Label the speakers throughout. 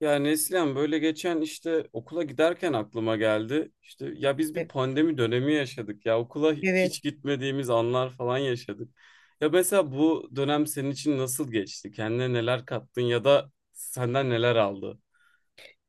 Speaker 1: Ya Neslihan böyle geçen işte okula giderken aklıma geldi. İşte ya biz bir
Speaker 2: E-
Speaker 1: pandemi dönemi yaşadık ya okula
Speaker 2: Evet.
Speaker 1: hiç gitmediğimiz anlar falan yaşadık. Ya mesela bu dönem senin için nasıl geçti? Kendine neler kattın ya da senden neler aldı?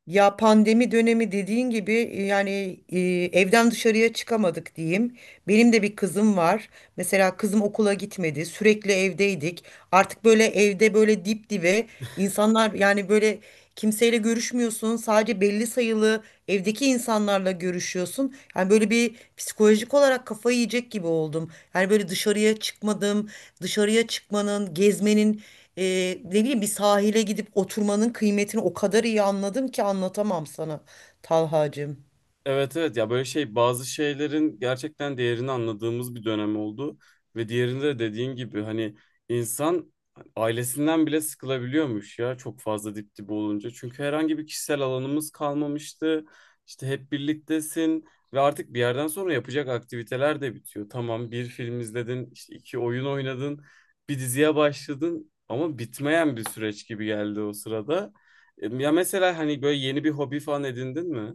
Speaker 2: Ya pandemi dönemi dediğin gibi yani e, evden dışarıya çıkamadık diyeyim. Benim de bir kızım var. Mesela kızım okula gitmedi, sürekli evdeydik. Artık böyle evde böyle dip dibe insanlar yani böyle kimseyle görüşmüyorsun. Sadece belli sayılı evdeki insanlarla görüşüyorsun. Yani böyle bir psikolojik olarak kafayı yiyecek gibi oldum. Yani böyle dışarıya çıkmadım. Dışarıya çıkmanın, gezmenin, e, ne bileyim bir sahile gidip oturmanın kıymetini o kadar iyi anladım ki anlatamam sana Talhacığım.
Speaker 1: Evet evet ya böyle şey bazı şeylerin gerçekten değerini anladığımız bir dönem oldu ve diğerinde de dediğin gibi hani insan ailesinden bile sıkılabiliyormuş ya çok fazla dip dibe olunca. Çünkü herhangi bir kişisel alanımız kalmamıştı. İşte hep birliktesin ve artık bir yerden sonra yapacak aktiviteler de bitiyor. Tamam bir film izledin, işte iki oyun oynadın, bir diziye başladın ama bitmeyen bir süreç gibi geldi o sırada. Ya mesela hani böyle yeni bir hobi falan edindin mi?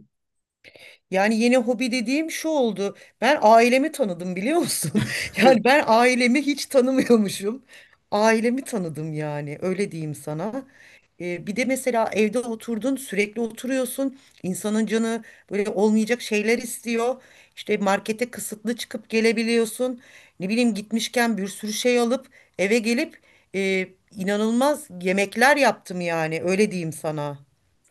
Speaker 2: Yani yeni hobi dediğim şu oldu. Ben ailemi tanıdım biliyor musun? Yani ben ailemi hiç tanımıyormuşum. Ailemi tanıdım yani öyle diyeyim sana. Bir de mesela evde oturdun sürekli oturuyorsun. İnsanın canı böyle olmayacak şeyler istiyor. İşte markete kısıtlı çıkıp gelebiliyorsun. Ne bileyim gitmişken bir sürü şey alıp eve gelip e, inanılmaz yemekler yaptım yani öyle diyeyim sana.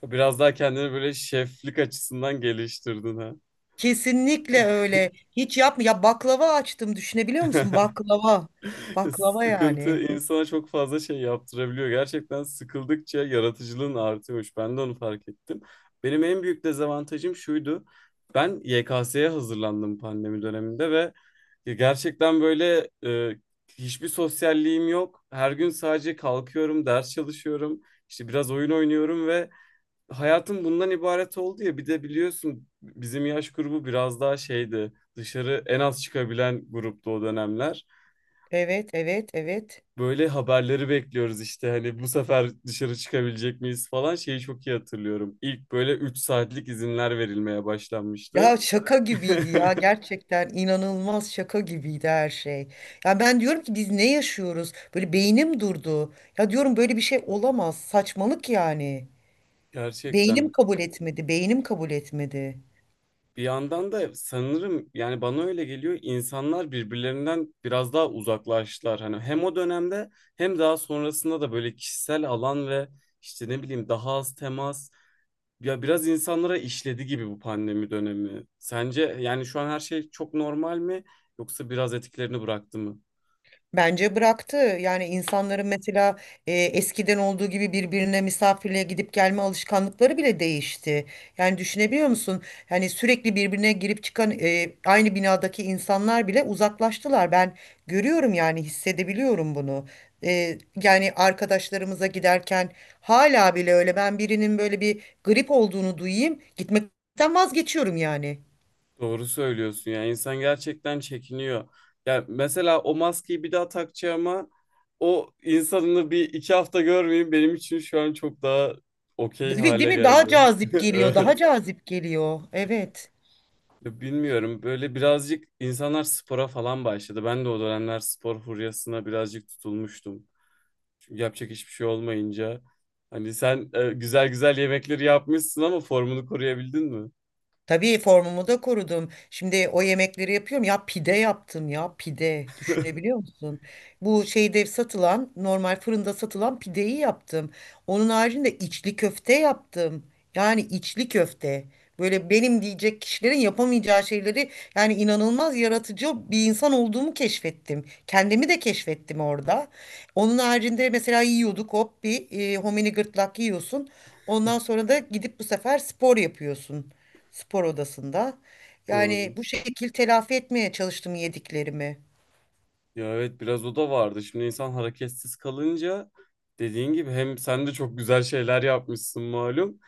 Speaker 1: Biraz daha kendini böyle şeflik açısından geliştirdin ha.
Speaker 2: Kesinlikle öyle. Hiç yapma. Ya baklava açtım düşünebiliyor musun? Baklava. Baklava
Speaker 1: Sıkıntı
Speaker 2: yani.
Speaker 1: insana çok fazla şey yaptırabiliyor. Gerçekten sıkıldıkça yaratıcılığın artıyormuş. Ben de onu fark ettim. Benim en büyük dezavantajım şuydu. Ben YKS'ye hazırlandım pandemi döneminde ve gerçekten böyle hiçbir sosyalliğim yok. Her gün sadece kalkıyorum, ders çalışıyorum, işte biraz oyun oynuyorum ve hayatım bundan ibaret oldu ya bir de biliyorsun bizim yaş grubu biraz daha şeydi dışarı en az çıkabilen gruptu o dönemler.
Speaker 2: Evet, evet, evet.
Speaker 1: Böyle haberleri bekliyoruz işte hani bu sefer dışarı çıkabilecek miyiz falan şeyi çok iyi hatırlıyorum. İlk böyle 3 saatlik izinler verilmeye başlanmıştı.
Speaker 2: Ya şaka gibiydi ya gerçekten inanılmaz şaka gibiydi her şey. Ya ben diyorum ki biz ne yaşıyoruz? Böyle beynim durdu. Ya diyorum böyle bir şey olamaz. Saçmalık yani.
Speaker 1: Gerçekten.
Speaker 2: Beynim kabul etmedi. Beynim kabul etmedi.
Speaker 1: Bir yandan da sanırım yani bana öyle geliyor insanlar birbirlerinden biraz daha uzaklaştılar. Hani hem o dönemde hem daha sonrasında da böyle kişisel alan ve işte ne bileyim daha az temas ya biraz insanlara işledi gibi bu pandemi dönemi. Sence yani şu an her şey çok normal mi yoksa biraz etkilerini bıraktı mı?
Speaker 2: Bence bıraktı. Yani insanların mesela eskiden olduğu gibi birbirine misafirliğe gidip gelme alışkanlıkları bile değişti. Yani düşünebiliyor musun? Yani sürekli birbirine girip çıkan aynı binadaki insanlar bile uzaklaştılar. Ben görüyorum yani hissedebiliyorum bunu. E, Yani arkadaşlarımıza giderken hala bile öyle ben birinin böyle bir grip olduğunu duyayım gitmekten vazgeçiyorum yani.
Speaker 1: Doğru söylüyorsun ya insan gerçekten çekiniyor. Ya mesela o maskeyi bir daha takacağıma o insanını 1-2 hafta görmeyeyim benim için şu an çok daha okey
Speaker 2: Değil değil
Speaker 1: hale
Speaker 2: mi?
Speaker 1: geldi.
Speaker 2: Daha cazip geliyor, daha
Speaker 1: Evet.
Speaker 2: cazip geliyor. Evet.
Speaker 1: Ya bilmiyorum böyle birazcık insanlar spora falan başladı. Ben de o dönemler spor furyasına birazcık tutulmuştum. Çünkü yapacak hiçbir şey olmayınca. Hani sen güzel güzel yemekleri yapmışsın ama formunu koruyabildin mi?
Speaker 2: Tabii formumu da korudum. Şimdi o yemekleri yapıyorum. Ya pide yaptım ya pide. Düşünebiliyor musun? Bu şeyde satılan normal fırında satılan pideyi yaptım. Onun haricinde içli köfte yaptım. Yani içli köfte. Böyle benim diyecek kişilerin yapamayacağı şeyleri yani inanılmaz yaratıcı bir insan olduğumu keşfettim. Kendimi de keşfettim orada. Onun haricinde mesela yiyorduk hop bir homini gırtlak yiyorsun. Ondan sonra da gidip bu sefer spor yapıyorsun spor odasında. Yani
Speaker 1: Doğru.
Speaker 2: bu şekil telafi etmeye çalıştım yediklerimi.
Speaker 1: Ya evet biraz o da vardı. Şimdi insan hareketsiz kalınca dediğin gibi hem sen de çok güzel şeyler yapmışsın malum,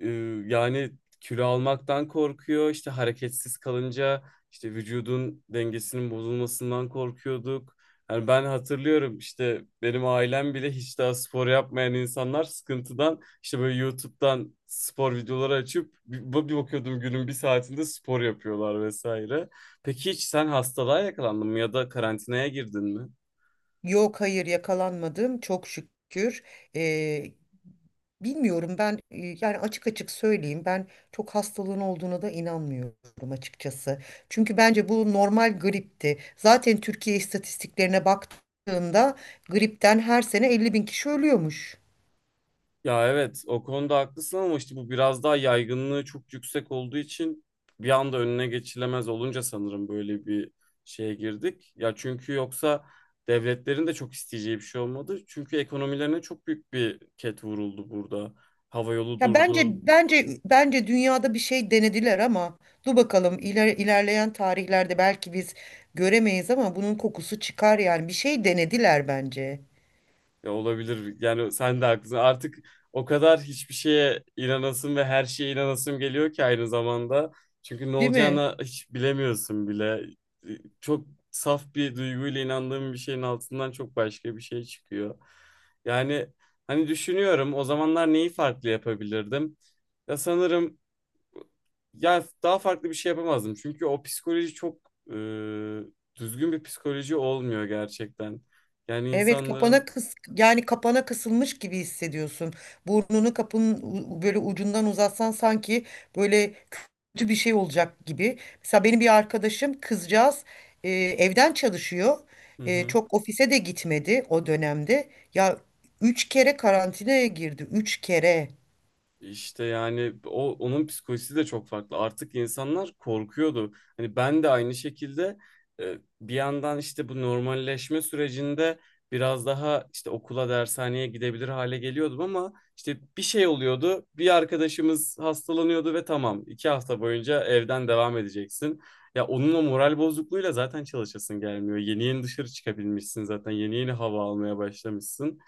Speaker 1: e, yani kilo almaktan korkuyor. İşte hareketsiz kalınca işte vücudun dengesinin bozulmasından korkuyorduk. Yani ben hatırlıyorum işte benim ailem bile hiç daha spor yapmayan insanlar sıkıntıdan işte böyle YouTube'dan spor videoları açıp bir bakıyordum günün bir saatinde spor yapıyorlar vesaire. Peki hiç sen hastalığa yakalandın mı ya da karantinaya girdin mi?
Speaker 2: Yok hayır yakalanmadım çok şükür. Ee, Bilmiyorum ben yani açık açık söyleyeyim ben çok hastalığın olduğuna da inanmıyorum açıkçası. Çünkü bence bu normal gripti. Zaten Türkiye istatistiklerine baktığımda gripten her sene 50 bin kişi ölüyormuş.
Speaker 1: Ya evet o konuda haklısın ama işte bu biraz daha yaygınlığı çok yüksek olduğu için bir anda önüne geçilemez olunca sanırım böyle bir şeye girdik. Ya çünkü yoksa devletlerin de çok isteyeceği bir şey olmadı. Çünkü ekonomilerine çok büyük bir ket vuruldu burada. Havayolu
Speaker 2: Ya bence
Speaker 1: durdu.
Speaker 2: bence bence dünyada bir şey denediler ama dur bakalım ilerleyen tarihlerde belki biz göremeyiz ama bunun kokusu çıkar yani bir şey denediler bence.
Speaker 1: Ya olabilir. Yani sen de haklısın. Artık o kadar hiçbir şeye inanasım ve her şeye inanasım geliyor ki aynı zamanda. Çünkü ne
Speaker 2: Değil mi?
Speaker 1: olacağını hiç bilemiyorsun bile. Çok saf bir duyguyla inandığım bir şeyin altından çok başka bir şey çıkıyor. Yani hani düşünüyorum o zamanlar neyi farklı yapabilirdim? Ya sanırım ya daha farklı bir şey yapamazdım. Çünkü o psikoloji çok e, düzgün bir psikoloji olmuyor gerçekten. Yani
Speaker 2: Evet kapana
Speaker 1: insanların.
Speaker 2: kıs yani kapana kısılmış gibi hissediyorsun. Burnunu kapının böyle ucundan uzatsan sanki böyle kötü bir şey olacak gibi. Mesela benim bir arkadaşım kızcağız evden çalışıyor.
Speaker 1: Hı hı.
Speaker 2: Çok ofise de gitmedi o dönemde. Ya 3 kere karantinaya girdi. 3 kere.
Speaker 1: İşte yani o onun psikolojisi de çok farklı. Artık insanlar korkuyordu. Hani ben de aynı şekilde bir yandan işte bu normalleşme sürecinde biraz daha işte okula, dershaneye gidebilir hale geliyordum ama işte bir şey oluyordu. Bir arkadaşımız hastalanıyordu ve tamam 2 hafta boyunca evden devam edeceksin. Ya onun o moral bozukluğuyla zaten çalışasın gelmiyor. Yeni yeni dışarı çıkabilmişsin zaten. Yeni yeni hava almaya başlamışsın.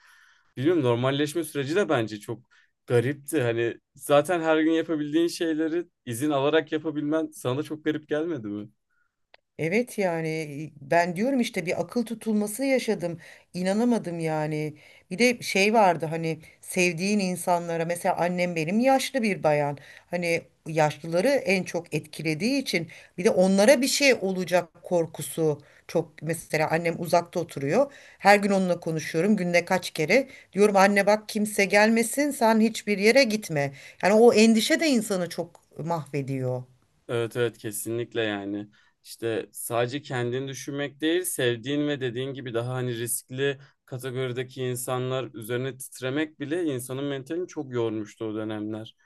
Speaker 1: Biliyorum normalleşme süreci de bence çok garipti. Hani zaten her gün yapabildiğin şeyleri izin alarak yapabilmen sana da çok garip gelmedi mi?
Speaker 2: Evet yani ben diyorum işte bir akıl tutulması yaşadım. İnanamadım yani. Bir de şey vardı hani sevdiğin insanlara mesela annem benim yaşlı bir bayan. Hani yaşlıları en çok etkilediği için bir de onlara bir şey olacak korkusu çok mesela annem uzakta oturuyor. Her gün onunla konuşuyorum günde kaç kere. Diyorum anne bak kimse gelmesin sen hiçbir yere gitme. Yani o endişe de insanı çok mahvediyor.
Speaker 1: Evet evet kesinlikle yani. İşte sadece kendini düşünmek değil, sevdiğin ve dediğin gibi daha hani riskli kategorideki insanlar üzerine titremek bile insanın mentalini çok yormuştu o dönemler.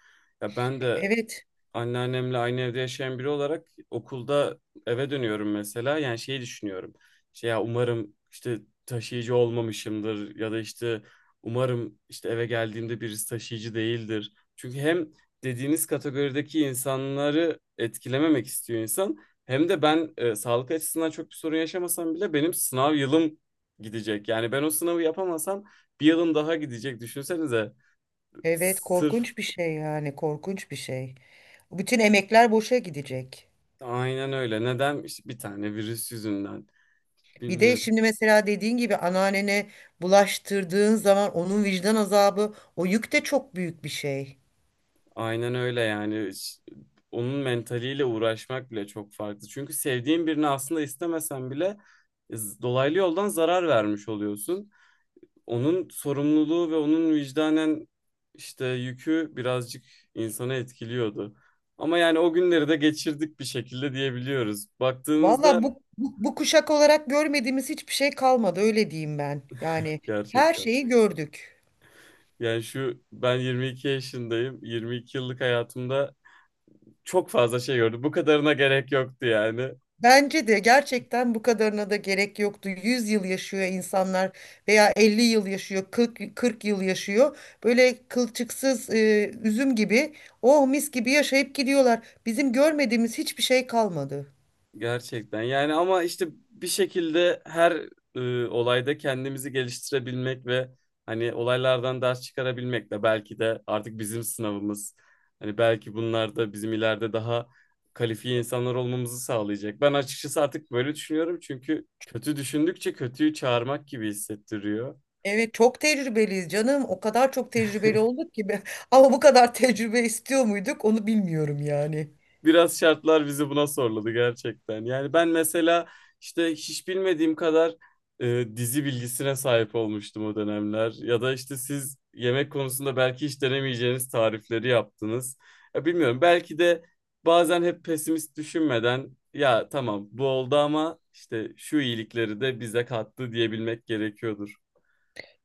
Speaker 1: Ya ben de
Speaker 2: Evet.
Speaker 1: anneannemle aynı evde yaşayan biri olarak okulda eve dönüyorum mesela. Yani şeyi düşünüyorum. Şey ya umarım işte taşıyıcı olmamışımdır ya da işte umarım işte eve geldiğimde birisi taşıyıcı değildir. Çünkü hem dediğiniz kategorideki insanları etkilememek istiyor insan hem de ben sağlık açısından çok bir sorun yaşamasam bile benim sınav yılım gidecek. Yani ben o sınavı yapamasam bir yılım daha gidecek düşünsenize.
Speaker 2: Evet,
Speaker 1: Sırf
Speaker 2: korkunç bir şey yani, korkunç bir şey. Bütün emekler boşa gidecek.
Speaker 1: aynen öyle. Neden? İşte bir tane virüs yüzünden.
Speaker 2: Bir de
Speaker 1: Bilmiyorum.
Speaker 2: şimdi mesela dediğin gibi anneannene bulaştırdığın zaman onun vicdan azabı, o yük de çok büyük bir şey.
Speaker 1: Aynen öyle yani. Onun mentaliyle uğraşmak bile çok farklı. Çünkü sevdiğin birini aslında istemesen bile dolaylı yoldan zarar vermiş oluyorsun. Onun sorumluluğu ve onun vicdanen işte yükü birazcık insanı etkiliyordu. Ama yani o günleri de geçirdik bir şekilde diyebiliyoruz. Baktığınızda
Speaker 2: Valla bu kuşak olarak görmediğimiz hiçbir şey kalmadı, öyle diyeyim ben. Yani her
Speaker 1: gerçekten.
Speaker 2: şeyi gördük.
Speaker 1: Yani şu ben 22 yaşındayım. 22 yıllık hayatımda çok fazla şey gördüm. Bu kadarına gerek yoktu yani.
Speaker 2: Bence de gerçekten bu kadarına da gerek yoktu. 100 yıl yaşıyor insanlar veya 50 yıl yaşıyor, 40, 40 yıl yaşıyor. Böyle kılçıksız üzüm gibi, oh mis gibi yaşayıp gidiyorlar. Bizim görmediğimiz hiçbir şey kalmadı.
Speaker 1: Gerçekten yani ama işte bir şekilde her olayda kendimizi geliştirebilmek ve hani olaylardan ders çıkarabilmek de belki de artık bizim sınavımız. Hani belki bunlar da bizim ileride daha kalifiye insanlar olmamızı sağlayacak. Ben açıkçası artık böyle düşünüyorum çünkü kötü düşündükçe kötüyü çağırmak gibi hissettiriyor.
Speaker 2: Evet çok tecrübeliyiz canım. O kadar çok tecrübeli olduk ki. Ama bu kadar tecrübe istiyor muyduk onu bilmiyorum yani.
Speaker 1: Biraz şartlar bizi buna zorladı gerçekten. Yani ben mesela işte hiç bilmediğim kadar dizi bilgisine sahip olmuştum o dönemler. Ya da işte siz yemek konusunda belki hiç denemeyeceğiniz tarifleri yaptınız. Ya bilmiyorum belki de bazen hep pesimist düşünmeden ya tamam bu oldu ama işte şu iyilikleri de bize kattı diyebilmek gerekiyordur.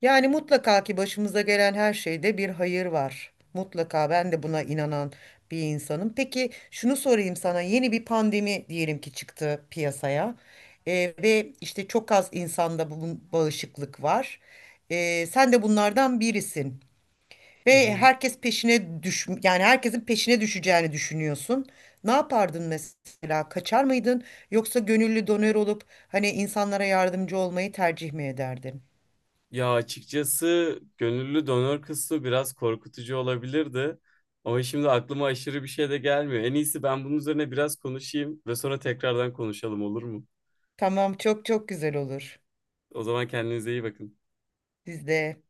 Speaker 2: Yani mutlaka ki başımıza gelen her şeyde bir hayır var. Mutlaka ben de buna inanan bir insanım. Peki şunu sorayım sana. Yeni bir pandemi diyelim ki çıktı piyasaya. Ve işte çok az insanda bu bağışıklık var. Sen de bunlardan birisin.
Speaker 1: Hı
Speaker 2: Ve
Speaker 1: hı.
Speaker 2: yani herkesin peşine düşeceğini düşünüyorsun. Ne yapardın mesela? Kaçar mıydın? Yoksa gönüllü donör olup hani insanlara yardımcı olmayı tercih mi ederdin?
Speaker 1: Ya açıkçası gönüllü donör kısmı biraz korkutucu olabilirdi. Ama şimdi aklıma aşırı bir şey de gelmiyor. En iyisi ben bunun üzerine biraz konuşayım ve sonra tekrardan konuşalım olur mu?
Speaker 2: Tamam çok çok güzel olur.
Speaker 1: O zaman kendinize iyi bakın.
Speaker 2: Biz de